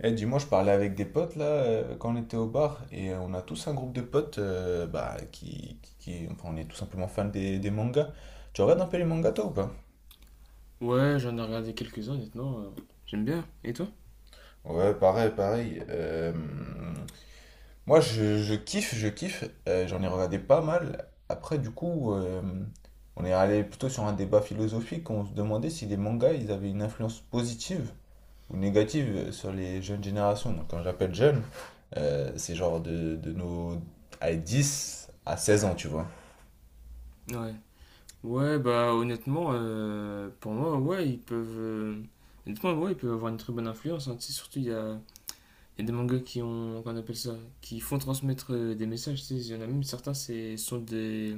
Eh, dis-moi, je parlais avec des potes là quand on était au bar et on a tous un groupe de potes bah, enfin, on est tout simplement fans des mangas. Tu regardes un peu les mangas toi ou pas? Ouais, j'en ai regardé quelques-uns, honnêtement. J'aime bien. Et toi? Ouais, pareil. Moi, je kiffe, je kiffe. J'en ai regardé pas mal. Après, du coup, on est allé plutôt sur un débat philosophique. On se demandait si les mangas, ils avaient une influence positive ou négative sur les jeunes générations. Donc quand j'appelle jeune, c'est genre de nos à 10 à 16 ans, tu vois. Ouais. Ouais, bah honnêtement, pour moi, ouais, ils peuvent. Honnêtement, ouais, ils peuvent avoir une très bonne influence, hein. Tu sais, surtout, il y a des mangas qui ont. Qu'on appelle ça? Qui font transmettre des messages. Tu sais, il y en a même certains, c'est sont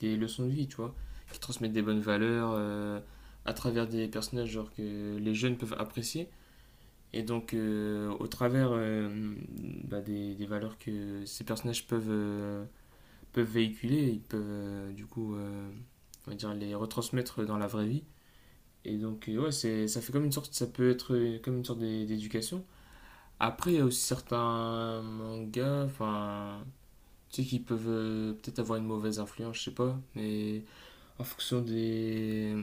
des leçons de vie, tu vois. Qui transmettent des bonnes valeurs à travers des personnages, genre que les jeunes peuvent apprécier. Et donc, au travers bah, des valeurs que ces personnages peuvent. Peuvent véhiculer, ils peuvent du coup, on va dire, les retransmettre dans la vraie vie. Et donc, ouais, c'est, ça fait comme une sorte, ça peut être comme une sorte d'éducation. Après, il y a aussi certains mangas, enfin, tu sais, qui peuvent peut-être avoir une mauvaise influence, je sais pas, mais en fonction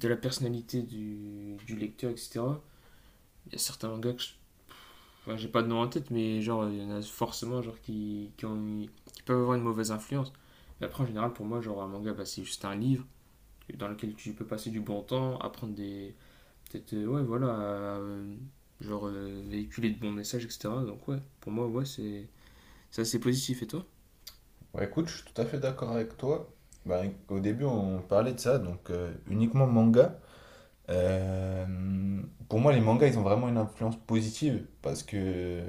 de la personnalité du lecteur, etc. Il y a certains mangas que je Enfin, j'ai pas de nom en tête, mais genre, il y en a forcément genre, qui peuvent avoir une mauvaise influence. Mais après, en général, pour moi, genre, un manga, bah, c'est juste un livre dans lequel tu peux passer du bon temps, apprendre des. Peut-être, ouais, voilà, euh, genre, véhiculer de bons messages, etc. Donc, ouais, pour moi, ouais, c'est assez positif. Et toi? Ouais, écoute, je suis tout à fait d'accord avec toi. Bah, au début, on parlait de ça, donc uniquement manga. Euh, pour moi, les mangas, ils ont vraiment une influence positive parce que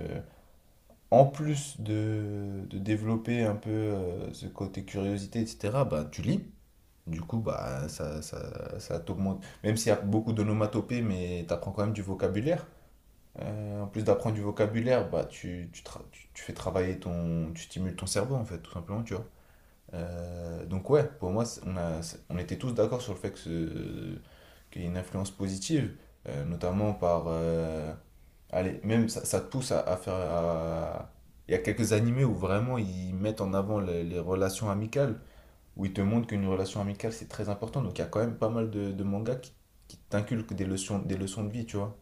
en plus de développer un peu ce côté curiosité, etc., bah, tu lis. Du coup, bah, ça t'augmente. Même s'il y a beaucoup d'onomatopées, mais tu apprends quand même du vocabulaire. En plus d'apprendre du vocabulaire, bah, tu fais travailler ton... Tu stimules ton cerveau, en fait, tout simplement, tu vois. Donc ouais, pour moi, on était tous d'accord sur le fait qu'il y a une influence positive, notamment par... allez, même ça, ça te pousse à faire... à- Il y a quelques animés où vraiment ils mettent en avant les relations amicales, où ils te montrent qu'une relation amicale c'est très important. Donc il y a quand même pas mal de mangas qui t'inculquent des leçons de vie, tu vois.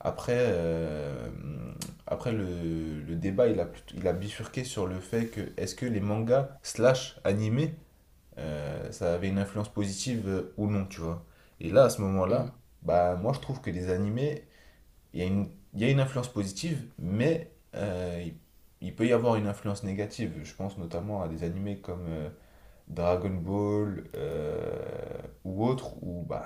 Après, après le débat, il a bifurqué sur le fait que est-ce que les mangas slash animés ça avait une influence positive ou non, tu vois. Et là, à ce Hmm. moment-là, bah moi je trouve que les animés, il y a une influence positive, mais il peut y avoir une influence négative. Je pense notamment à des animés comme Dragon Ball ou autres, où bah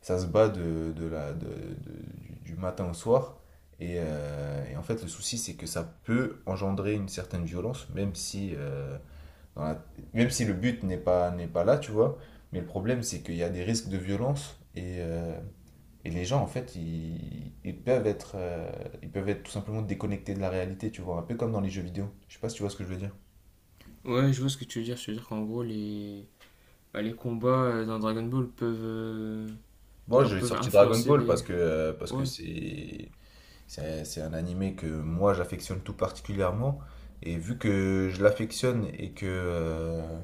ça se bat de la, de- du matin au soir. Et en fait, le souci, c'est que ça peut engendrer une certaine violence, même si dans la- même si le but n'est pas là, tu vois. Mais le problème, c'est qu'il y a des risques de violence et les gens, en fait, ils peuvent ils peuvent être tout simplement déconnectés de la réalité, tu vois. Un peu comme dans les jeux vidéo. Je sais pas si tu vois ce que je veux dire. Ouais, je vois ce que tu veux dire. Je veux dire qu'en gros, les, bah, les combats dans Dragon Ball peuvent, Bon, genre, j'ai peuvent sorti Dragon influencer Ball les. Parce que Ouais, c'est un animé que moi, j'affectionne tout particulièrement. Et vu que je l'affectionne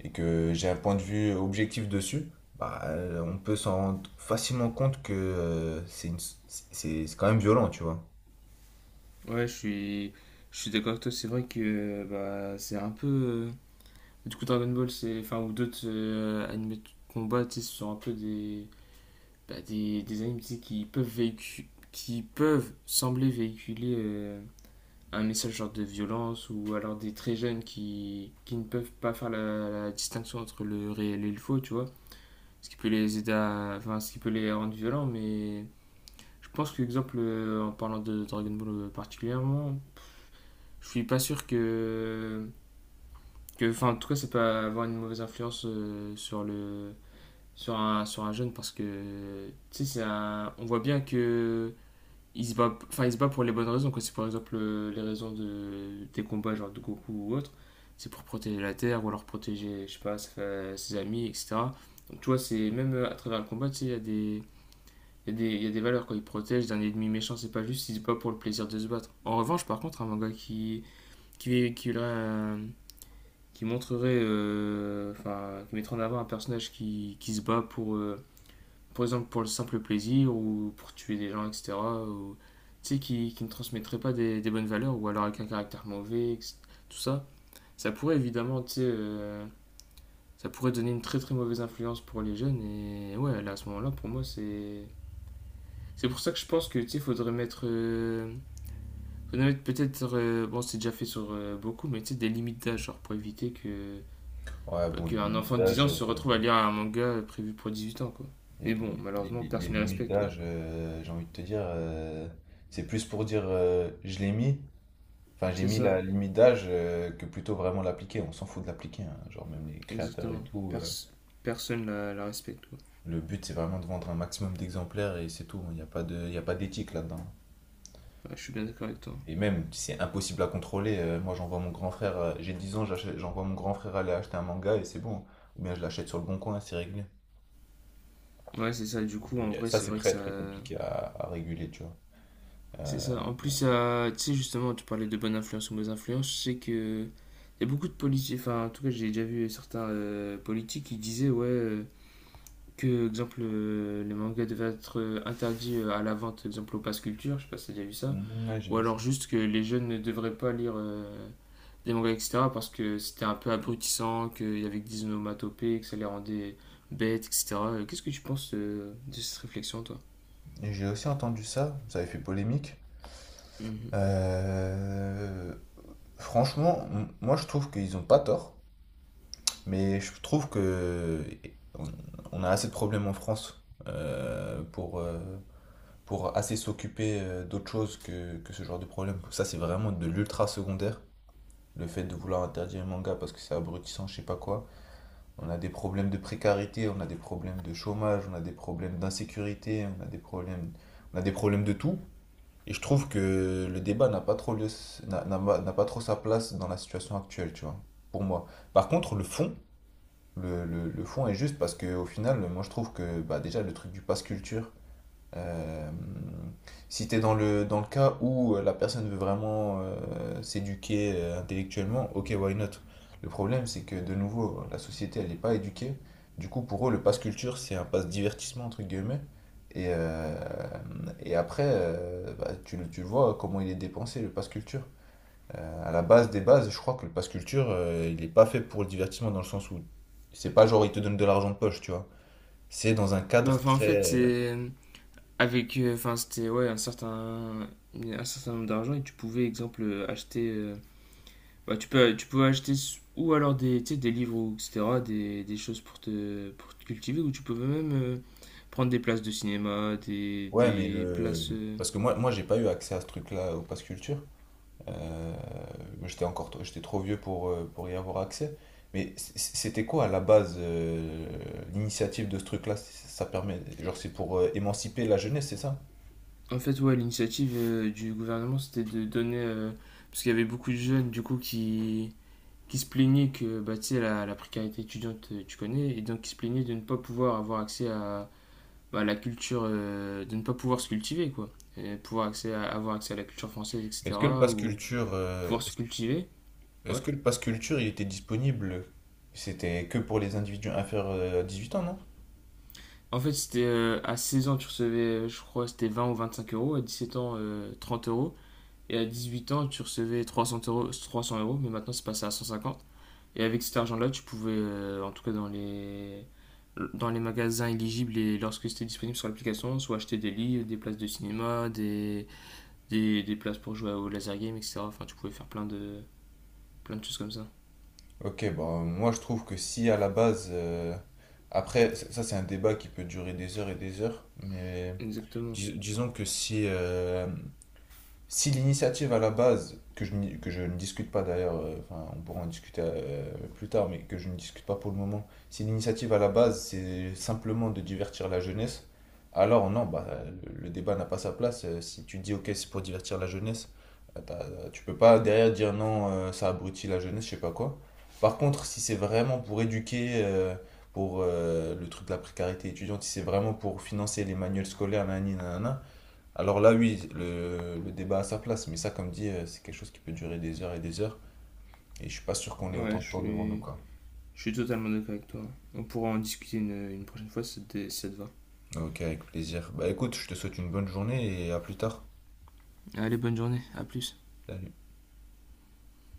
et que j'ai un point de vue objectif dessus, bah, on peut s'en rendre facilement compte que c'est quand même violent, tu vois. ouais, je suis d'accord avec toi. C'est vrai que bah, c'est un peu. Du coup, Dragon Ball, c'est. Enfin, ou d'autres animés de combat, tu sais, ce sont un peu des. Bah, des animés tu sais, qui peuvent véhicu- qui peuvent sembler véhiculer un message genre de violence ou alors des très jeunes qui ne peuvent pas faire la distinction entre le réel et le faux, tu vois. Ce qui peut les aider à. Enfin, ce qui peut les rendre violents, mais. Je pense que, exemple, en parlant de Dragon Ball particulièrement. Je suis pas sûr que. Que enfin, en tout cas, ça peut avoir une mauvaise influence sur le. Sur sur un jeune parce que tu sais c'est un- on voit bien que il se bat enfin il se bat pour les bonnes raisons quoi c'est par exemple les raisons de des combats genre de Goku ou autre c'est pour protéger la terre ou alors protéger je sais pas sa- ses amis etc donc tu vois c'est même à travers le combat tu sais il y a des il y a des valeurs quand il protège d'un ennemi méchant c'est pas juste il se bat pour le plaisir de se battre en revanche par contre un manga qui qui aurait qui montrerait, enfin, qui mettrait en avant un personnage qui se bat pour, par exemple, pour le simple plaisir ou pour tuer des gens, etc. Ou, tu sais, qui ne transmettrait pas des bonnes valeurs ou alors avec un caractère mauvais, etc., tout ça. Ça pourrait évidemment, tu sais, ça pourrait donner une très très mauvaise influence pour les jeunes. Et ouais, là, à ce moment-là, pour moi, c'est. C'est pour ça que je pense que, tu sais, faudrait mettre. Faudrait mettre peut-être. Bon, c'est déjà fait sur beaucoup, mais tu sais, des limites d'âge, genre pour éviter que Ouais, Pas bon, les qu'un limites enfant de 10 d'âge, ans se retrouve à lire un manga prévu pour 18 ans, quoi. Mais bon, malheureusement, les personne ne la limites respecte, quoi. d'âge, j'ai envie de te dire, c'est plus pour dire je l'ai mis, enfin j'ai C'est mis ça, la limite d'âge que plutôt vraiment l'appliquer. On s'en fout de l'appliquer, hein. Genre même les créateurs et exactement. tout. Pers- personne la respecte, quoi. Le but c'est vraiment de vendre un maximum d'exemplaires et c'est tout. Il n'y a pas il y a pas d'éthique là-dedans. Ouais, je suis bien d'accord avec toi. Et même, c'est impossible à contrôler. Moi, j'envoie mon grand frère, j'ai 10 ans, j'envoie mon grand frère aller acheter un manga et c'est bon. Ou bien je l'achète sur le bon coin, c'est réglé. Ouais, c'est ça, du coup, en vrai, Ça, c'est c'est vrai que très ça... très compliqué à réguler, tu vois. C'est ça. Euh, En plus, ça- tu sais, justement, tu parlais de bonne influence ou mauvaise influence, je sais que... Il y a beaucoup de politiques, enfin, en tout cas, j'ai déjà vu certains politiques qui disaient, ouais... Que, exemple, les mangas devaient être interdits à la vente, exemple, au passe culture, je sais pas si t'as déjà vu ça. mm, ouais, j'ai Ou vu ça. alors juste que les jeunes ne devraient pas lire des mangas, etc. parce que c'était un peu abrutissant, qu'il y avait que des onomatopées, que ça les rendait bêtes, etc. Qu'est-ce que tu penses de cette réflexion, toi? Et j'ai aussi entendu ça, ça avait fait polémique. Mhm. Euh, Franchement, moi, je trouve qu'ils ont pas tort, mais je trouve que on, on a assez de problèmes en France pour assez s'occuper d'autre chose que ce genre de problème. Ça, c'est vraiment de l'ultra secondaire. Le fait de vouloir interdire les mangas parce que c'est abrutissant, je sais pas quoi. On a des problèmes de précarité, on a des problèmes de chômage, on a des problèmes d'insécurité, on a des problèmes, on a des problèmes de tout. Et je trouve que le débat n'a pas trop lieu, n'a pas trop sa place dans la situation actuelle, tu vois, pour moi. Par contre, le fond, le fond est juste parce que au final, moi je trouve que bah, déjà le truc du pass culture, euh, si tu es dans le cas où la personne veut vraiment s'éduquer intellectuellement, ok, why not? Le problème, c'est que de nouveau, la société, elle n'est pas éduquée. Du coup, pour eux, le pass culture, c'est un pass divertissement, entre guillemets. Et, euh, et après, bah, tu le vois comment il est dépensé, le pass culture. À la base des bases, je crois que le pass culture, il n'est pas fait pour le divertissement dans le sens où c'est pas genre il te donne de l'argent de poche, tu vois. C'est dans un Bah, cadre enfin, en fait, très, euh, c'est avec, enfin, c'était ouais, un certain nombre d'argent et tu pouvais, exemple, acheter, bah, tu pouvais acheter ou alors des, tu sais, des livres ou etc., des choses pour te cultiver ou tu pouvais même prendre des places de cinéma, ouais, mais des le... places, Parce que moi, moi j'ai pas eu accès à ce truc-là au Pass Culture. Euh, j'étais trop vieux pour y avoir accès. Mais c'était quoi à la base l'initiative de ce truc-là? Ça permet... Genre c'est pour émanciper la jeunesse, c'est ça? En fait, ouais, l'initiative du gouvernement, c'était de donner. Parce qu'il y avait beaucoup de jeunes, du coup, qui se plaignaient que bah, tu sais, la précarité étudiante, tu connais, et donc qui se plaignaient de ne pas pouvoir avoir accès à la culture, de ne pas pouvoir se cultiver, quoi. Et pouvoir accès à- avoir accès à la culture française, Mais est-ce que le etc. Pass Ou Culture, pouvoir se cultiver. Ouais. est-ce que le Pass Culture il était disponible? C'était que pour les individus inférieurs à 18 ans, non? En fait, c'était à 16 ans, tu recevais, je crois, c'était 20 ou 25 euros. À 17 ans, 30 euros. Et à 18 ans, tu recevais 300 euros, 300 euros, mais maintenant c'est passé à 150. Et avec cet argent-là, tu pouvais, en tout cas dans les magasins éligibles et lorsque c'était disponible sur l'application, soit acheter des livres, des places de cinéma, des places pour jouer au laser game, etc. Enfin, tu pouvais faire plein plein de choses comme ça. Ok, bon, moi je trouve que si à la base... Après, ça, c'est un débat qui peut durer des heures et des heures, mais... Exactement. Disons que si, si l'initiative à la base, que je ne discute pas d'ailleurs, enfin, on pourra en discuter plus tard, mais que je ne discute pas pour le moment, si l'initiative à la base c'est simplement de divertir la jeunesse, alors non, bah, le débat n'a pas sa place. Si tu dis ok, c'est pour divertir la jeunesse, tu peux pas derrière dire non, ça abrutit la jeunesse, je sais pas quoi. Par contre, si c'est vraiment pour éduquer, pour le truc de la précarité étudiante, si c'est vraiment pour financer les manuels scolaires, nanani, nanana, alors là, oui, le débat a sa place, mais ça, comme dit, c'est quelque chose qui peut durer des heures, et je suis pas sûr qu'on ait Ouais, autant de temps devant nous, quoi. je suis totalement d'accord avec toi. On pourra en discuter une prochaine fois si ça te- si ça te va. Ok, avec plaisir. Bah écoute, je te souhaite une bonne journée et à plus tard. Allez, bonne journée. À plus. Salut.